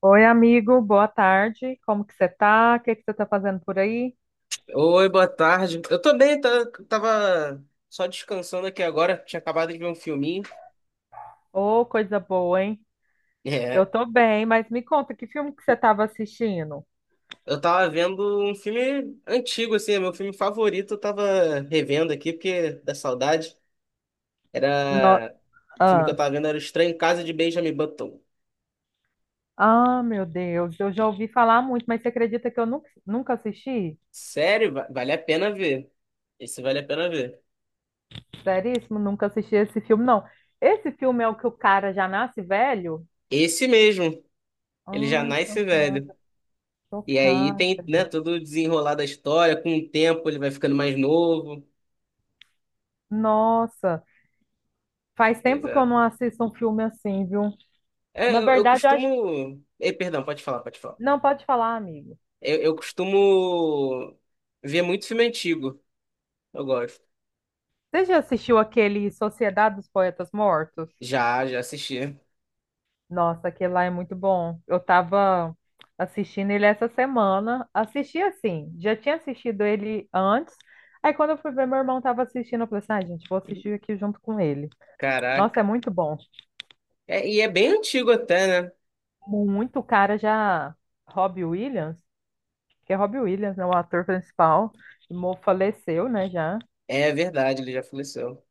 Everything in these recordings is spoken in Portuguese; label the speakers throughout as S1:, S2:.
S1: Oi, amigo, boa tarde. Como que você tá? O que que você tá fazendo por aí?
S2: Oi, boa tarde. Eu também tava só descansando aqui agora, tinha acabado de ver um filminho.
S1: Ô, coisa boa, hein? Eu
S2: É,
S1: tô bem, mas me conta, que filme que você tava assistindo?
S2: eu tava vendo um filme antigo, assim, é meu filme favorito, eu tava revendo aqui, porque da saudade.
S1: No...
S2: Era. O filme que eu
S1: Ah.
S2: tava vendo era O Estranho Caso de Benjamin Button.
S1: Ah, meu Deus, eu já ouvi falar muito, mas você acredita que eu nunca assisti?
S2: Sério, vale a pena ver. Esse vale a pena ver.
S1: Seríssimo, nunca assisti esse filme, não. Esse filme é o que o cara já nasce velho?
S2: Esse mesmo, ele já
S1: Ah,
S2: nasce velho.
S1: chocada,
S2: E aí
S1: chocada,
S2: tem, né,
S1: gente.
S2: todo o desenrolar da história, com o tempo ele vai ficando mais novo.
S1: Nossa, faz
S2: Pois
S1: tempo que eu
S2: é.
S1: não assisto um filme assim, viu?
S2: É,
S1: Na
S2: eu
S1: verdade, eu acho...
S2: costumo. Perdão, pode falar, pode falar.
S1: Não, pode falar, amigo.
S2: Eu costumo ver muito filme antigo. Eu gosto.
S1: Você já assistiu aquele Sociedade dos Poetas Mortos?
S2: Já, já assisti.
S1: Nossa, aquele lá é muito bom. Eu tava assistindo ele essa semana. Assisti assim, já tinha assistido ele antes. Aí quando eu fui ver, meu irmão tava assistindo, eu falei assim, ah, gente, vou assistir aqui junto com ele. Nossa,
S2: Caraca.
S1: é muito bom.
S2: É, e é bem antigo até, né?
S1: Muito cara já... Robbie Williams, que é Robbie Williams, né, o ator principal, faleceu, né, já
S2: É verdade, ele já faleceu.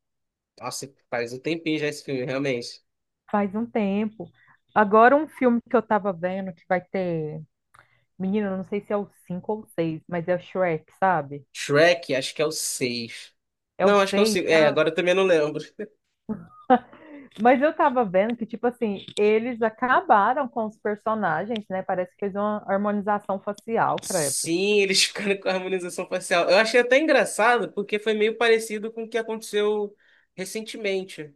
S2: Nossa, faz um tempinho já esse filme, realmente.
S1: faz um tempo. Agora um filme que eu tava vendo que vai ter Menina, eu não sei se é o 5 ou o 6, mas é o Shrek, sabe?
S2: Shrek, acho que é o 6.
S1: É o
S2: Não, acho que é o
S1: 6
S2: 5. É,
S1: já.
S2: agora eu também não lembro.
S1: Mas eu tava vendo que, tipo assim, eles acabaram com os personagens, né? Parece que fez uma harmonização facial, credo.
S2: Sim, eles ficaram com a harmonização facial. Eu achei até engraçado, porque foi meio parecido com o que aconteceu recentemente.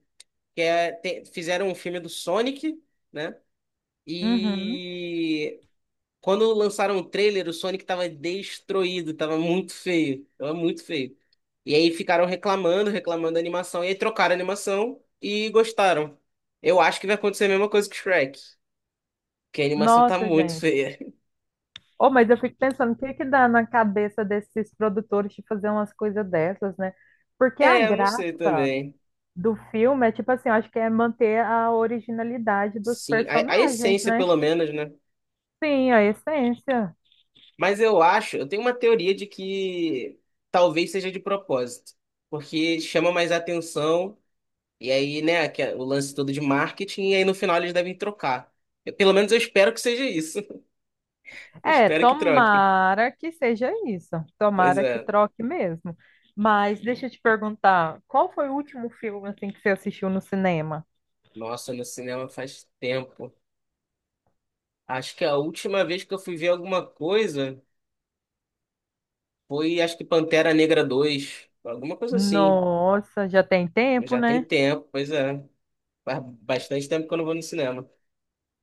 S2: Que é, fizeram um filme do Sonic, né?
S1: Uhum.
S2: E quando lançaram o trailer, o Sonic tava destruído, tava muito feio, tava muito feio. E aí ficaram reclamando, da animação, e aí trocaram a animação e gostaram. Eu acho que vai acontecer a mesma coisa que Shrek, que a animação tá
S1: Nossa,
S2: muito
S1: gente.
S2: feia.
S1: Oh, mas eu fico pensando, o que que dá na cabeça desses produtores de fazer umas coisas dessas, né? Porque a
S2: É, eu não
S1: graça
S2: sei também.
S1: do filme é, tipo assim, eu acho que é manter a originalidade dos
S2: Sim, a
S1: personagens,
S2: essência
S1: né?
S2: pelo menos, né?
S1: Sim, a essência.
S2: Mas eu acho, eu tenho uma teoria de que talvez seja de propósito, porque chama mais atenção e aí, né, que é o lance todo de marketing, e aí no final eles devem trocar. Pelo menos eu espero que seja isso. Eu
S1: É,
S2: espero que troquem.
S1: tomara que seja isso.
S2: Pois
S1: Tomara que
S2: é.
S1: troque mesmo. Mas deixa eu te perguntar, qual foi o último filme assim que você assistiu no cinema?
S2: Nossa, no cinema faz tempo. Acho que a última vez que eu fui ver alguma coisa foi, acho que Pantera Negra 2 alguma coisa assim.
S1: Nossa, já tem tempo,
S2: Já tem
S1: né?
S2: tempo, pois é. Faz bastante tempo que eu não vou no cinema.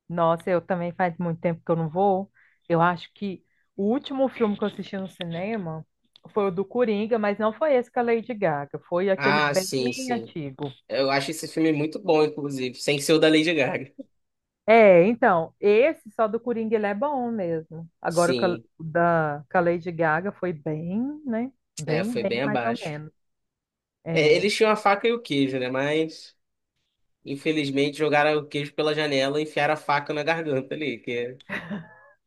S1: Nossa, eu também faz muito tempo que eu não vou. Eu acho que o último filme que eu assisti no cinema foi o do Coringa, mas não foi esse com a Lady Gaga, foi aquele
S2: Ah,
S1: bem
S2: sim, sim.
S1: antigo.
S2: Eu acho esse filme muito bom, inclusive, sem ser o da Lady Gaga.
S1: É, então, esse só do Coringa ele é bom mesmo. Agora o que
S2: Sim,
S1: da com a Lady Gaga foi bem, né?
S2: é,
S1: Bem,
S2: foi
S1: bem,
S2: bem
S1: mais ou
S2: abaixo.
S1: menos.
S2: É,
S1: É.
S2: eles tinham a faca e o queijo, né? Mas infelizmente, jogaram o queijo pela janela e enfiaram a faca na garganta ali, que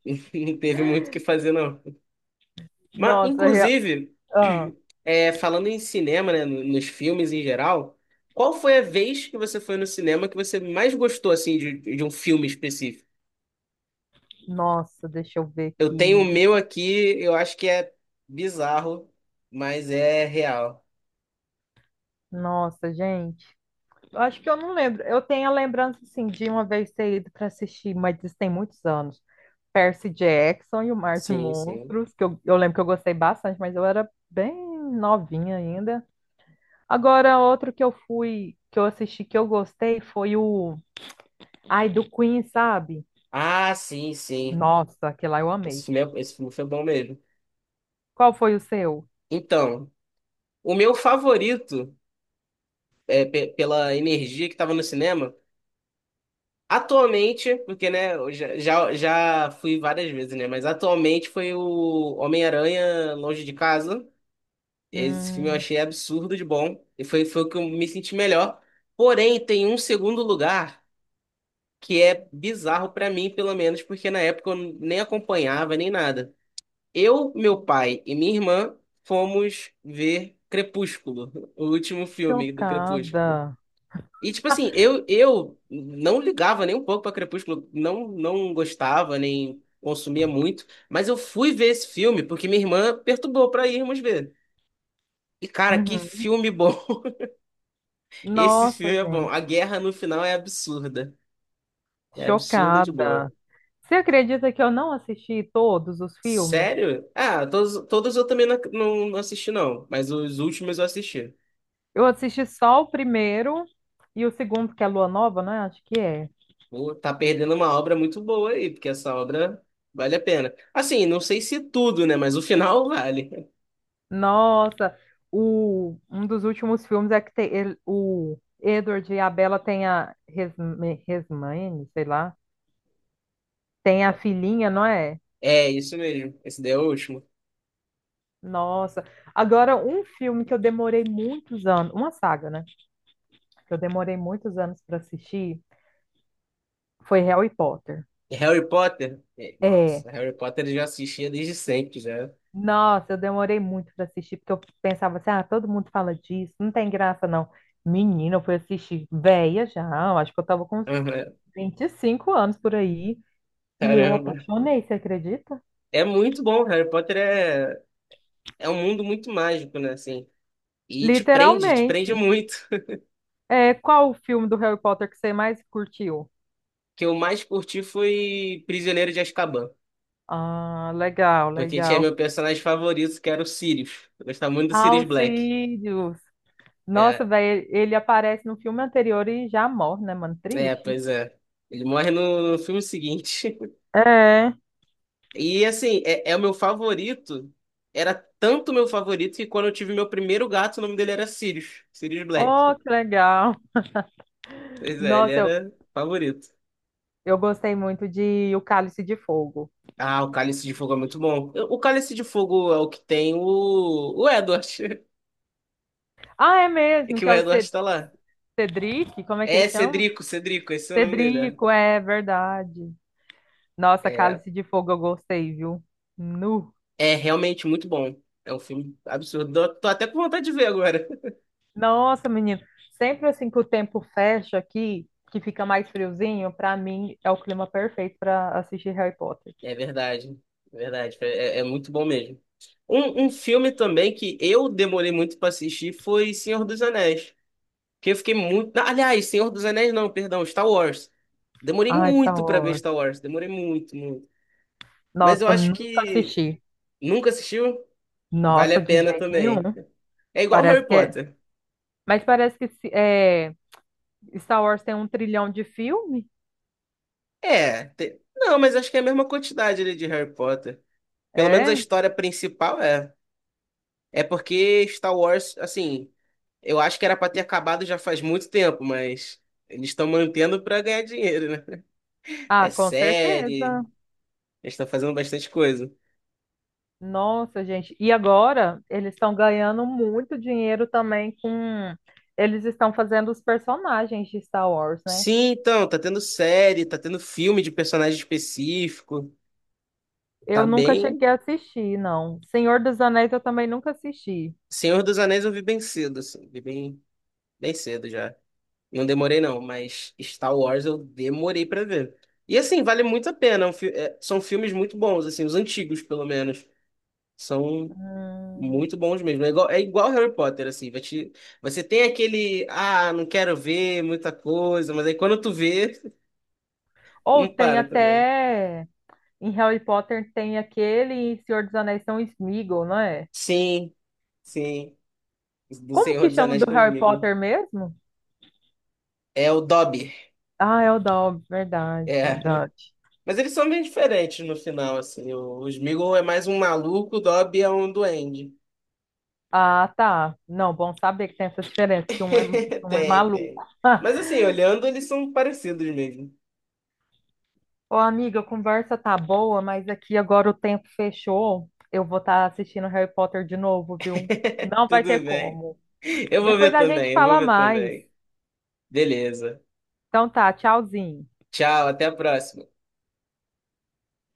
S2: não teve muito o que fazer, não. Mas,
S1: Nossa, rea-
S2: inclusive,
S1: ah,
S2: é, falando em cinema, né, nos filmes em geral, qual foi a vez que você foi no cinema que você mais gostou, assim, de um filme específico?
S1: nossa, deixa eu ver
S2: Eu tenho o
S1: aqui.
S2: meu aqui, eu acho que é bizarro, mas é real.
S1: Nossa, gente. Eu acho que eu não lembro. Eu tenho a lembrança, assim, de uma vez ter ido para assistir, mas isso tem muitos anos. Percy Jackson e o Mar de
S2: Sim, sim.
S1: Monstros, que eu lembro que eu gostei bastante, mas eu era bem novinha ainda. Agora, outro que eu fui, que eu assisti, que eu gostei, foi o. Ai, do Queen, sabe?
S2: Ah, sim, sim.
S1: Nossa, aquele lá eu
S2: Esse
S1: amei.
S2: filme, esse filme foi bom mesmo.
S1: Qual foi o seu?
S2: Então, o meu favorito. Pela energia que estava no cinema. Atualmente, porque né, eu já fui várias vezes, né? Mas atualmente foi o Homem-Aranha Longe de Casa. Esse filme eu
S1: Hum,
S2: achei absurdo de bom. E foi, foi o que eu me senti melhor. Porém, tem um segundo lugar que é bizarro pra mim, pelo menos, porque na época eu nem acompanhava nem nada. Eu, meu pai e minha irmã fomos ver Crepúsculo, o último filme do Crepúsculo.
S1: chocada.
S2: E, tipo assim, eu não ligava nem um pouco pra Crepúsculo, não, não gostava, nem consumia muito, mas eu fui ver esse filme porque minha irmã perturbou pra irmos ver. E, cara, que
S1: Uhum.
S2: filme bom! Esse
S1: Nossa,
S2: filme é bom. A
S1: gente,
S2: guerra no final é absurda. É absurda de boa.
S1: chocada. Você acredita que eu não assisti todos os filmes?
S2: Sério? Ah, todos, todos eu também não, não, não assisti, não, mas os últimos eu assisti.
S1: Eu assisti só o primeiro e o segundo, que é Lua Nova, né? Acho que é.
S2: Pô, tá perdendo uma obra muito boa aí, porque essa obra vale a pena. Assim, não sei se tudo, né, mas o final vale.
S1: Nossa, um dos últimos filmes é que tem, o Edward e a Bella têm a Resmaine, sei lá, tem a filhinha, não é?
S2: É, isso mesmo. Esse daí é o último.
S1: Nossa. Agora, um filme que eu demorei muitos anos, uma saga, né? Que eu demorei muitos anos para assistir foi Harry Potter.
S2: E Harry Potter? É,
S1: É.
S2: nossa, Harry Potter eu já assistia desde sempre, já.
S1: Nossa, eu demorei muito para assistir, porque eu pensava assim, ah, todo mundo fala disso, não tem graça, não. Menina, eu fui assistir velha já, eu acho que eu tava com uns
S2: Aham,
S1: 25 anos por aí. E eu
S2: caramba.
S1: apaixonei, você acredita?
S2: É muito bom. Harry Potter é, é um mundo muito mágico, né? Assim. E te prende
S1: Literalmente.
S2: muito.
S1: É, qual o filme do Harry Potter que você mais curtiu?
S2: O que eu mais curti foi Prisioneiro de Azkaban.
S1: Ah, legal,
S2: Porque tinha
S1: legal.
S2: meu personagem favorito, que era o Sirius. Eu gostava muito do Sirius Black.
S1: Alcídios. Nossa,
S2: É,
S1: velho, ele aparece no filme anterior e já morre, né, mano?
S2: é,
S1: Triste.
S2: pois é. Ele morre no, no filme seguinte.
S1: É.
S2: E assim, é o meu favorito. Era tanto meu favorito que quando eu tive meu primeiro gato, o nome dele era Sirius. Sirius Black.
S1: Oh, que legal.
S2: Pois é, ele
S1: Nossa,
S2: era favorito.
S1: eu gostei muito de O Cálice de Fogo.
S2: Ah, o Cálice de Fogo é muito bom. O Cálice de Fogo é o que tem o Edward.
S1: Ah, é
S2: É
S1: mesmo,
S2: que
S1: que
S2: o
S1: é o
S2: Edward tá lá.
S1: Cedric, como é que
S2: É,
S1: chama?
S2: Cedrico, Cedrico, esse é o nome dele, né?
S1: Cedrico, é verdade. Nossa,
S2: É,
S1: Cálice de Fogo eu gostei, viu? Nu.
S2: é realmente muito bom. É um filme absurdo. Tô até com vontade de ver agora.
S1: Nossa, menino, sempre assim que o tempo fecha aqui, que fica mais friozinho, pra mim é o clima perfeito pra assistir Harry Potter.
S2: É verdade, é verdade. É, é muito bom mesmo. Um filme também que eu demorei muito pra assistir foi Senhor dos Anéis. Que eu fiquei muito. Ah, aliás, Senhor dos Anéis não, perdão, Star Wars. Demorei
S1: Ai, Star
S2: muito pra ver
S1: Wars.
S2: Star Wars. Demorei muito, muito. Mas eu
S1: Nossa,
S2: acho
S1: nunca
S2: que
S1: assisti.
S2: nunca assistiu, vale a
S1: Nossa, de
S2: pena
S1: jeito nenhum.
S2: também. É igual
S1: Parece
S2: Harry
S1: que é.
S2: Potter.
S1: Mas parece que se- é... Star Wars tem um trilhão de filme?
S2: É. Não, mas acho que é a mesma quantidade ali de Harry Potter. Pelo menos a
S1: É?
S2: história principal é. É porque Star Wars, assim, eu acho que era pra ter acabado já faz muito tempo, mas eles estão mantendo pra ganhar dinheiro, né?
S1: Ah,
S2: É
S1: com
S2: série,
S1: certeza.
S2: eles estão fazendo bastante coisa.
S1: Nossa, gente. E agora eles estão ganhando muito dinheiro também com. Eles estão fazendo os personagens de Star Wars, né?
S2: Sim, então, tá tendo série, tá tendo filme de personagem específico, tá
S1: Eu nunca
S2: bem.
S1: cheguei a assistir, não. Senhor dos Anéis eu também nunca assisti.
S2: Senhor dos Anéis eu vi bem cedo, assim, vi bem, bem cedo já. Não demorei não, mas Star Wars eu demorei pra ver. E assim, vale muito a pena, é um são filmes muito bons, assim, os antigos pelo menos. São
S1: Hum.
S2: muito bons mesmo. É igual Harry Potter, assim. Você tem aquele, ah, não quero ver muita coisa, mas aí quando tu vê,
S1: Ou
S2: não
S1: tem
S2: para também.
S1: até em Harry Potter tem aquele e Senhor dos Anéis são Sméagol, não é?
S2: Sim, sim. Do
S1: Como
S2: Senhor
S1: que
S2: dos
S1: chama
S2: Anéis
S1: do
S2: que eu
S1: Harry
S2: digo.
S1: Potter mesmo?
S2: É o Dobby.
S1: Ah, é o Dobby, verdade,
S2: É.
S1: verdade.
S2: Mas eles são bem diferentes no final, assim. O Sméagol é mais um maluco, o Dobby é um duende.
S1: Ah, tá. Não, bom saber que tem essa diferença, que um é
S2: Tem, tem.
S1: maluco.
S2: Mas assim, olhando, eles são parecidos mesmo.
S1: Ô, amiga, a conversa tá boa, mas aqui agora o tempo fechou. Eu vou estar assistindo Harry Potter de novo, viu? Não vai ter
S2: Tudo bem.
S1: como.
S2: Eu vou
S1: Depois
S2: ver
S1: a gente
S2: também, eu vou
S1: fala
S2: ver
S1: mais.
S2: também. Beleza.
S1: Então tá, tchauzinho.
S2: Tchau, até a próxima.